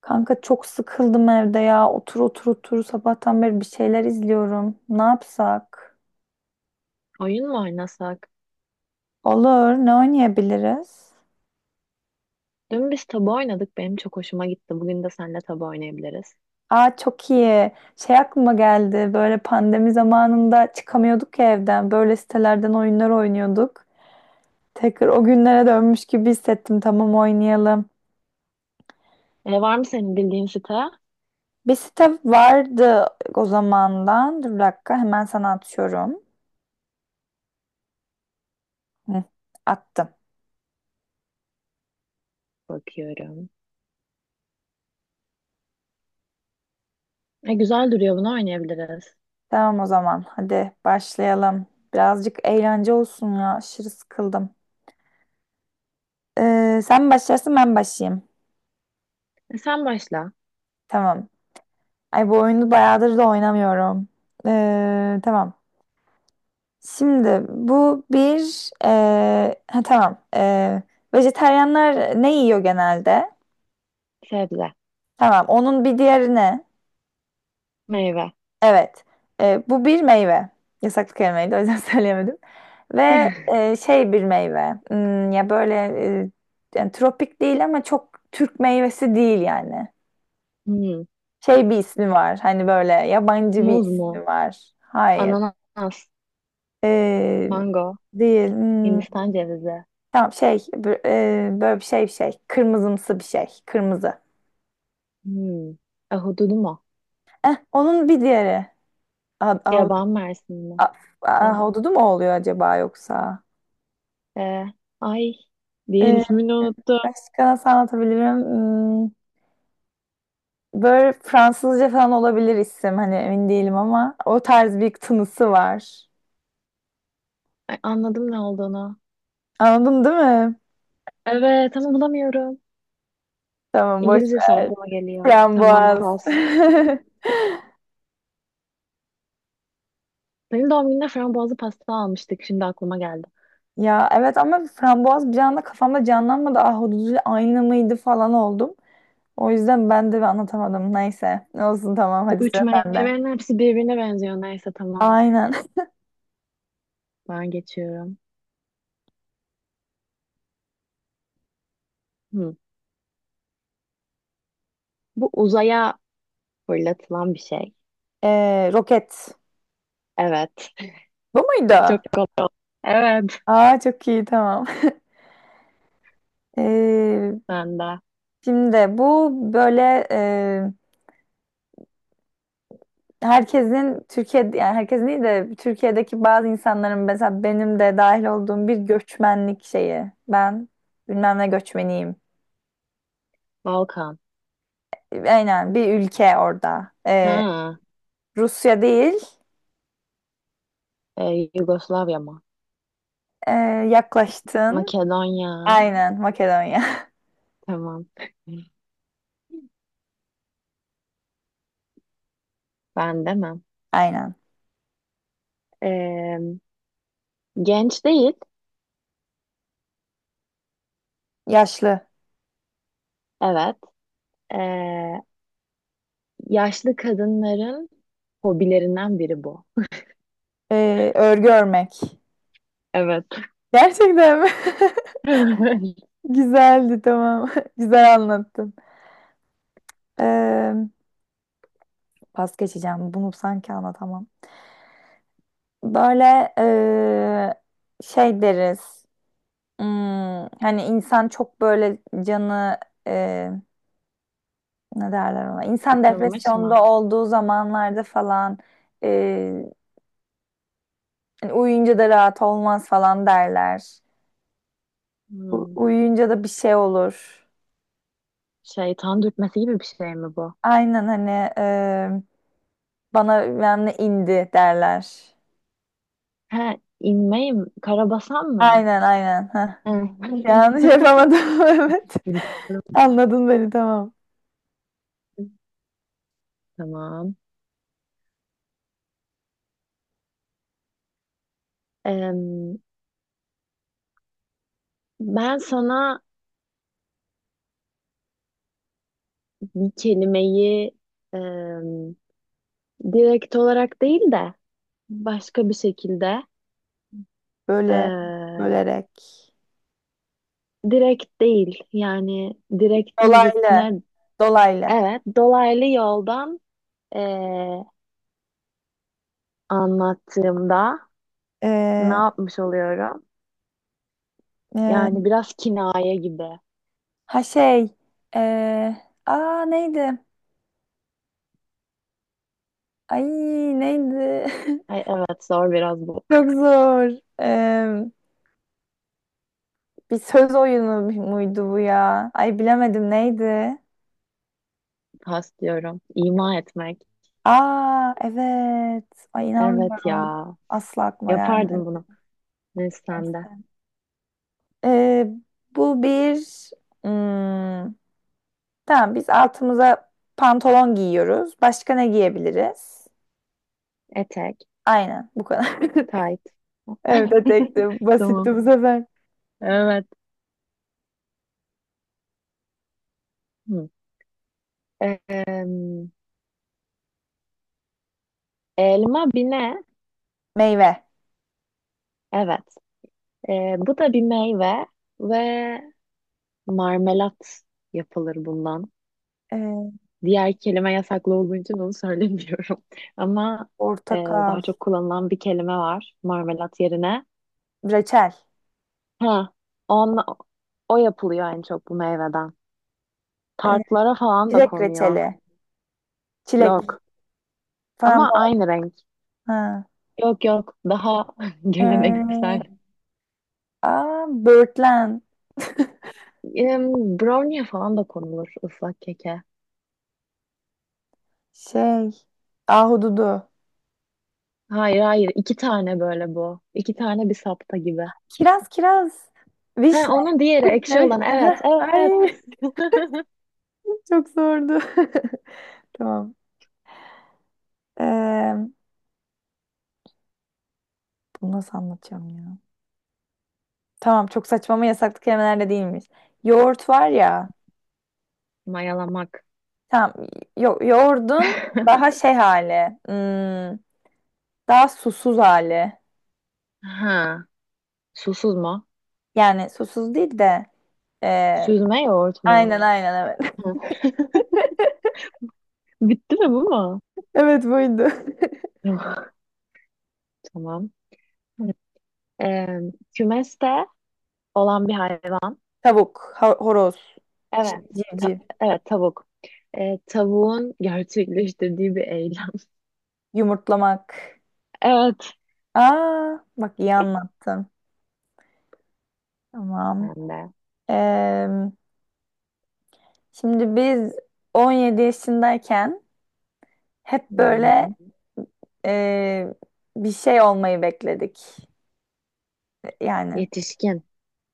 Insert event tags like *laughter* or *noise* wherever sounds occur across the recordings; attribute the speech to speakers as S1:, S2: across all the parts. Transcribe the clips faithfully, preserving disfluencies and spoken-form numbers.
S1: Kanka çok sıkıldım evde ya. Otur otur otur sabahtan beri bir şeyler izliyorum. Ne yapsak?
S2: Oyun mu oynasak?
S1: Olur. Ne oynayabiliriz?
S2: Dün biz tabu oynadık. Benim çok hoşuma gitti. Bugün de seninle tabu oynayabiliriz.
S1: Aa çok iyi. Şey aklıma geldi. Böyle pandemi zamanında çıkamıyorduk ya evden. Böyle sitelerden oyunlar oynuyorduk. Tekrar o günlere dönmüş gibi hissettim. Tamam oynayalım.
S2: E, var mı senin bildiğin site?
S1: Bir site vardı o zamandan. Dur bir dakika hemen sana atıyorum. Hı, attım.
S2: Bakıyorum. E, güzel duruyor. Bunu oynayabiliriz.
S1: Tamam o zaman. Hadi başlayalım. Birazcık eğlence olsun ya. Aşırı sıkıldım. Ee, sen mi başlarsın ben mi başlayayım.
S2: E, sen başla.
S1: Tamam. Ay bu oyunu bayağıdır da oynamıyorum. Ee, tamam. Şimdi bu bir... ee, ha, tamam. Ee, vejetaryenler ne yiyor genelde?
S2: Sebze.
S1: Tamam. Onun bir diğeri ne?
S2: Meyve.
S1: Evet. E, bu bir meyve. Yasaklı kelimeydi o yüzden *laughs* söyleyemedim. Ve
S2: *laughs*
S1: e, şey bir meyve. Hmm, ya böyle e, yani tropik değil ama çok Türk meyvesi değil yani.
S2: Hmm.
S1: Şey bir ismi var. Hani böyle yabancı bir
S2: Muz mu?
S1: ismi var. Hayır.
S2: Ananas.
S1: E,
S2: Mango.
S1: değil. Hmm,
S2: Hindistan cevizi.
S1: tamam şey b- e, böyle bir şey bir şey. Kırmızımsı bir şey. Kırmızı.
S2: Hmm. Ahududu mu?
S1: Eh, onun bir diğeri.
S2: Yaban mersini mi? Ab-
S1: Ahududu mu oluyor acaba yoksa?
S2: e, ay. Diğer
S1: Ee,
S2: ismini unuttum.
S1: Başka nasıl anlatabilirim? Hmm, Böyle Fransızca falan olabilir isim. Hani emin değilim ama o tarz bir tınısı var.
S2: Ay, anladım ne olduğunu.
S1: Anladın değil mi?
S2: Evet ama bulamıyorum.
S1: Tamam boş
S2: İngilizce
S1: ver.
S2: aklıma geliyor. Tamam,
S1: Frambuaz.
S2: pas.
S1: *laughs*
S2: Benim doğum günümde frambuazlı pasta almıştık. Şimdi aklıma geldi.
S1: Ya evet ama frambuaz bir anda kafamda canlanmadı. Ahududuyla aynı mıydı falan oldum. O yüzden ben de anlatamadım. Neyse. Olsun tamam
S2: Bu
S1: hadi
S2: üç
S1: sıra sende.
S2: meyvenin hepsi birbirine benziyor. Neyse, tamam.
S1: Aynen. *laughs*
S2: Ben geçiyorum. Hı. Bu uzaya fırlatılan bir şey.
S1: Ee, roket.
S2: Evet. *laughs*
S1: Bu muydu?
S2: Çok kolay oldu. Evet.
S1: Aa çok iyi tamam. *laughs* Ee,
S2: Ben de.
S1: Şimdi bu böyle herkesin Türkiye'de yani herkesin değil de Türkiye'deki bazı insanların mesela benim de dahil olduğum bir göçmenlik şeyi. Ben bilmem ne göçmeniyim.
S2: Balkan.
S1: Aynen bir ülke orada. Ee,
S2: Ha.
S1: Rusya değil.
S2: e, Yugoslavya mı?
S1: ee, Yaklaştın.
S2: Makedonya.
S1: Aynen Makedonya.
S2: Tamam. *laughs* Ben demem.
S1: *laughs* Aynen.
S2: Ee, genç değil.
S1: Yaşlı.
S2: Evet. Ee, yaşlı kadınların hobilerinden biri bu.
S1: Ee, örgü örmek.
S2: Evet.
S1: Gerçekten mi?
S2: *laughs*
S1: *laughs* Güzeldi tamam. *laughs* Güzel anlattın. Ee, Pas geçeceğim. Bunu sanki anlatamam. Böyle eee, şey deriz. Hmm, Hani insan çok böyle canı eee, ne derler ona? İnsan
S2: Sıkılmış mı?
S1: depresyonda olduğu zamanlarda falan eee, hani uyuyunca da rahat olmaz falan derler. U-
S2: Hmm.
S1: uyuyunca da bir şey olur.
S2: Şeytan dürtmesi gibi bir şey mi bu?
S1: Aynen hani eee, bana bilmem ne indi derler.
S2: He, inmeyim. Karabasan mı?
S1: Aynen aynen. Heh.
S2: Hı.
S1: Yanlış yapamadım. *laughs* Evet. Anladın beni tamam.
S2: *laughs* Tamam. Em, ben sana bir kelimeyi em, direkt olarak değil de başka bir şekilde
S1: Böyle
S2: e,
S1: bölerek.
S2: direkt değil, yani direktin zıttı
S1: Dolaylı.
S2: ne?
S1: Dolaylı.
S2: Evet, dolaylı yoldan e, anlattığımda ne
S1: Ee,
S2: yapmış oluyorum?
S1: e,
S2: Yani biraz kinaye gibi.
S1: ha şey. ee, Aa neydi? Ay neydi?
S2: Ay,
S1: *laughs*
S2: evet, zor biraz bu.
S1: Çok zor. Ee, Bir söz oyunu muydu bu ya? Ay bilemedim neydi?
S2: Pas diyorum. İma etmek.
S1: Aa evet. Ay
S2: Evet
S1: inanmıyorum.
S2: ya.
S1: Asla aklıma gelmedi.
S2: Yapardım bunu. Neyse, sen de.
S1: Neyse. Ee, Bu bir hmm, tamam biz altımıza pantolon giyiyoruz. Başka ne giyebiliriz?
S2: Etek.
S1: Aynen bu kadar. *laughs*
S2: Tight.
S1: Evet,
S2: *laughs*
S1: tekti.
S2: Tamam.
S1: Basitti bu sefer.
S2: Evet. Hı. Em, elma bir ne?
S1: Meyve.
S2: Evet. E, bu da bir meyve ve marmelat yapılır bundan.
S1: Ee,
S2: Diğer kelime yasaklı olduğu için onu söylemiyorum. *laughs* Ama e,
S1: Portakal.
S2: daha çok kullanılan bir kelime var marmelat yerine.
S1: Reçel.
S2: Ha, on, o yapılıyor en çok bu meyveden.
S1: Ee,
S2: Tartlara falan da
S1: Çilek
S2: konuyor.
S1: reçeli. Çilek.
S2: Yok ama
S1: Frambuaz.
S2: aynı renk.
S1: Ha.
S2: Yok yok, daha *laughs* geleneksel.
S1: Ee, Aa, böğürtlen. *laughs*
S2: Em, brownie'ye falan da konulur, ıslak keke.
S1: Şey. Ahududu.
S2: Hayır hayır, iki tane böyle bu. İki tane bir sapta gibi.
S1: Kiraz, kiraz.
S2: Ha,
S1: Vişne.
S2: onun diğeri
S1: Vişne,
S2: ekşi olan, evet
S1: vişne. *laughs* Ay,
S2: evet. *laughs*
S1: çok zordu. *laughs* Tamam. Ee, Bunu nasıl anlatacağım ya? Tamam, çok saçma ama yasaklı kelimeler de değilmiş. Yoğurt var ya.
S2: Mayalamak.
S1: Tamam. Yo yoğurdun daha
S2: *laughs*
S1: şey hali. Hmm, daha susuz hali.
S2: Ha. Susuz mu?
S1: Yani susuz değil de. e,
S2: Süzme yoğurt
S1: aynen.
S2: mu?
S1: Hmm. Aynen evet.
S2: Hı. *laughs* Bitti mi, bu mu?
S1: *laughs* Evet buydu.
S2: *laughs* Tamam. Ee, kümeste olan bir hayvan.
S1: *laughs* Tavuk, ha- horoz,
S2: Evet.
S1: çiv-
S2: Ta-
S1: civciv,
S2: evet, tavuk. Ee, tavuğun gerçekleştirdiği bir eylem. *laughs*
S1: yumurtlamak.
S2: Evet.
S1: Aa, bak iyi anlattın. Tamam.
S2: Ben de.
S1: Ee, Şimdi biz on yedi yaşındayken hep böyle
S2: Hı-hı.
S1: e, bir şey olmayı bekledik. Yani
S2: Yetişkin.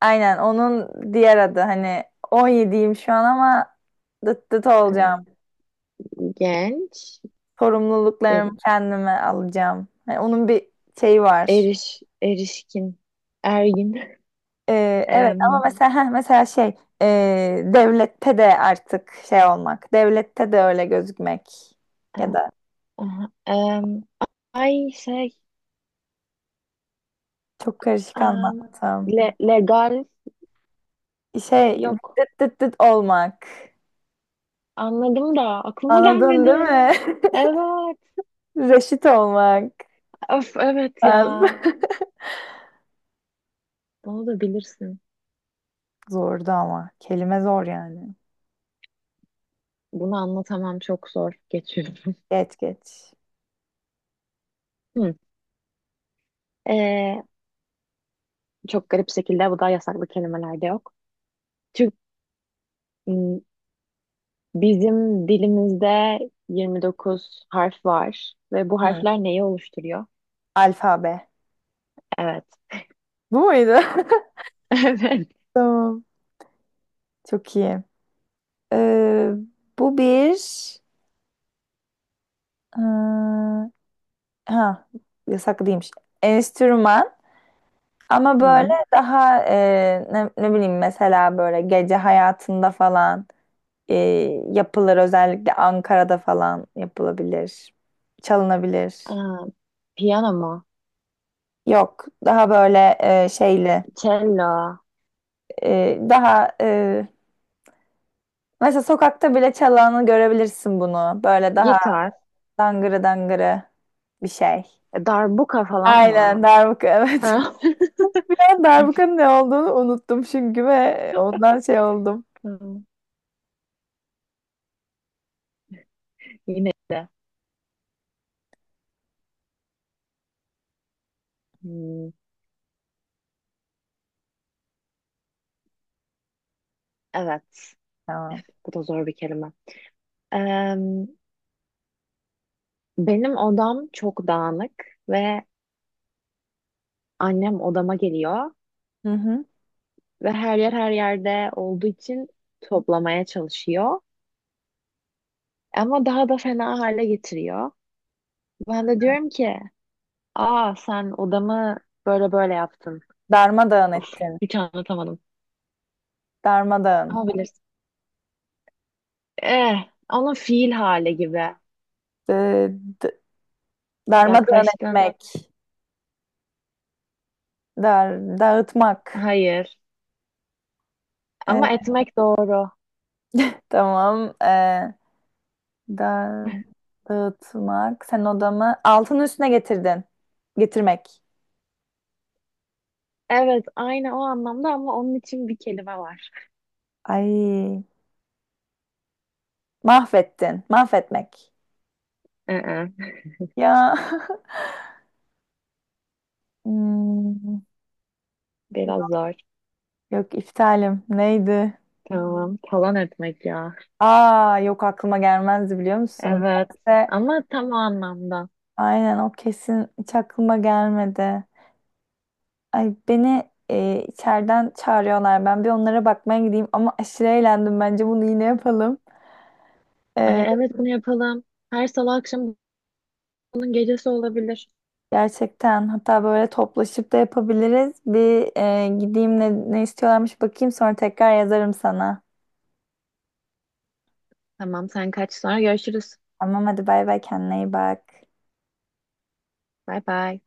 S1: aynen onun diğer adı hani on yediyim şu an ama dıt dıt olacağım.
S2: Ee, genç. Değil.
S1: Sorumluluklarımı kendime alacağım. Hani onun bir şeyi var.
S2: Eriş, erişkin. Ergin. *laughs*
S1: Ee, evet
S2: Em,
S1: ama mesela heh, mesela şey ee, devlette de artık şey olmak. Devlette de öyle gözükmek. Ya
S2: a-
S1: da
S2: aha, em, ay şey.
S1: çok karışık
S2: em,
S1: anlattım.
S2: le- legal.
S1: Şey
S2: Yok.
S1: dıt dıt dıt olmak.
S2: Anladım da aklıma
S1: Anladın değil
S2: gelmedi.
S1: mi?
S2: Evet.
S1: *laughs* Reşit olmak.
S2: Öf, evet
S1: Ben-
S2: ya. Bunu da bilirsin.
S1: *laughs* Zordu ama. Kelime zor yani.
S2: Bunu anlatamam, çok zor. Geçiyorum.
S1: Geç geç.
S2: *laughs* Hı. Ee, çok garip şekilde bu da yasaklı kelimelerde yok. Türk, m, bizim dilimizde yirmi dokuz harf var ve bu
S1: Hı,
S2: harfler neyi oluşturuyor?
S1: alfabe.
S2: Evet.
S1: Bu muydu?
S2: *laughs* Evet.
S1: *laughs* Tamam. Çok iyi. Ee, Bu bir ee, ha yasaklıymış. Enstrüman ama böyle
S2: Hı.
S1: daha ee, ne, ne bileyim mesela böyle gece hayatında falan ee, yapılır, özellikle Ankara'da falan yapılabilir. Çalınabilir.
S2: Aa, piyano mu?
S1: Yok daha böyle ee, şeyli,
S2: Cello,
S1: ee, daha ee, mesela sokakta bile çalanı görebilirsin bunu. Böyle daha
S2: gitar,
S1: dangırı dangırı bir şey.
S2: e, darbuka falan mı?
S1: Aynen darbuka evet.
S2: *laughs*
S1: *laughs* Ben darbukanın ne olduğunu unuttum çünkü ve ondan şey oldum.
S2: Hı. Yine de. Hmm. Evet. Üf,
S1: Tamam.
S2: bu da zor bir kelime. Eee, benim odam çok dağınık ve annem odama geliyor
S1: Hı hı.
S2: ve her yer her yerde olduğu için toplamaya çalışıyor. Ama daha da fena hale getiriyor. Ben de diyorum ki, aa, sen odamı böyle böyle yaptın.
S1: Darmadağın ettin.
S2: Hiç anlatamadım.
S1: Darmadağın.
S2: Ama bilirsin. Eh, onun fiil hali gibi.
S1: D- d- Darmadağın
S2: Yaklaştın.
S1: etmek. Dar dağıtmak.
S2: Hayır. Ama
S1: E,
S2: etmek doğru.
S1: tamam. E, da Dağıtmak. Sen odamı altının üstüne getirdin. Getirmek.
S2: Evet, aynı o anlamda ama onun için bir kelime var.
S1: Ay mahvettin. Mahvetmek.
S2: Ee.
S1: Ya. *laughs* Hmm.
S2: Biraz zor.
S1: Yok iptalim. Neydi?
S2: Tamam. Talan etmek ya.
S1: Aa yok aklıma gelmezdi biliyor musun?
S2: Evet.
S1: Neyse,
S2: Ama tam o anlamda.
S1: aynen o kesin hiç aklıma gelmedi. Ay beni e, içeriden çağırıyorlar. Ben bir onlara bakmaya gideyim ama aşırı eğlendim. Bence bunu yine yapalım.
S2: Ay,
S1: E,
S2: evet, bunu yapalım. Her salı akşam bunun gecesi olabilir.
S1: Gerçekten hatta böyle toplaşıp da yapabiliriz. Bir e, gideyim ne, ne istiyorlarmış bakayım, sonra tekrar yazarım sana.
S2: Tamam, sen kaç, sonra görüşürüz.
S1: Tamam hadi bay bay, kendine iyi bak.
S2: Bay bay.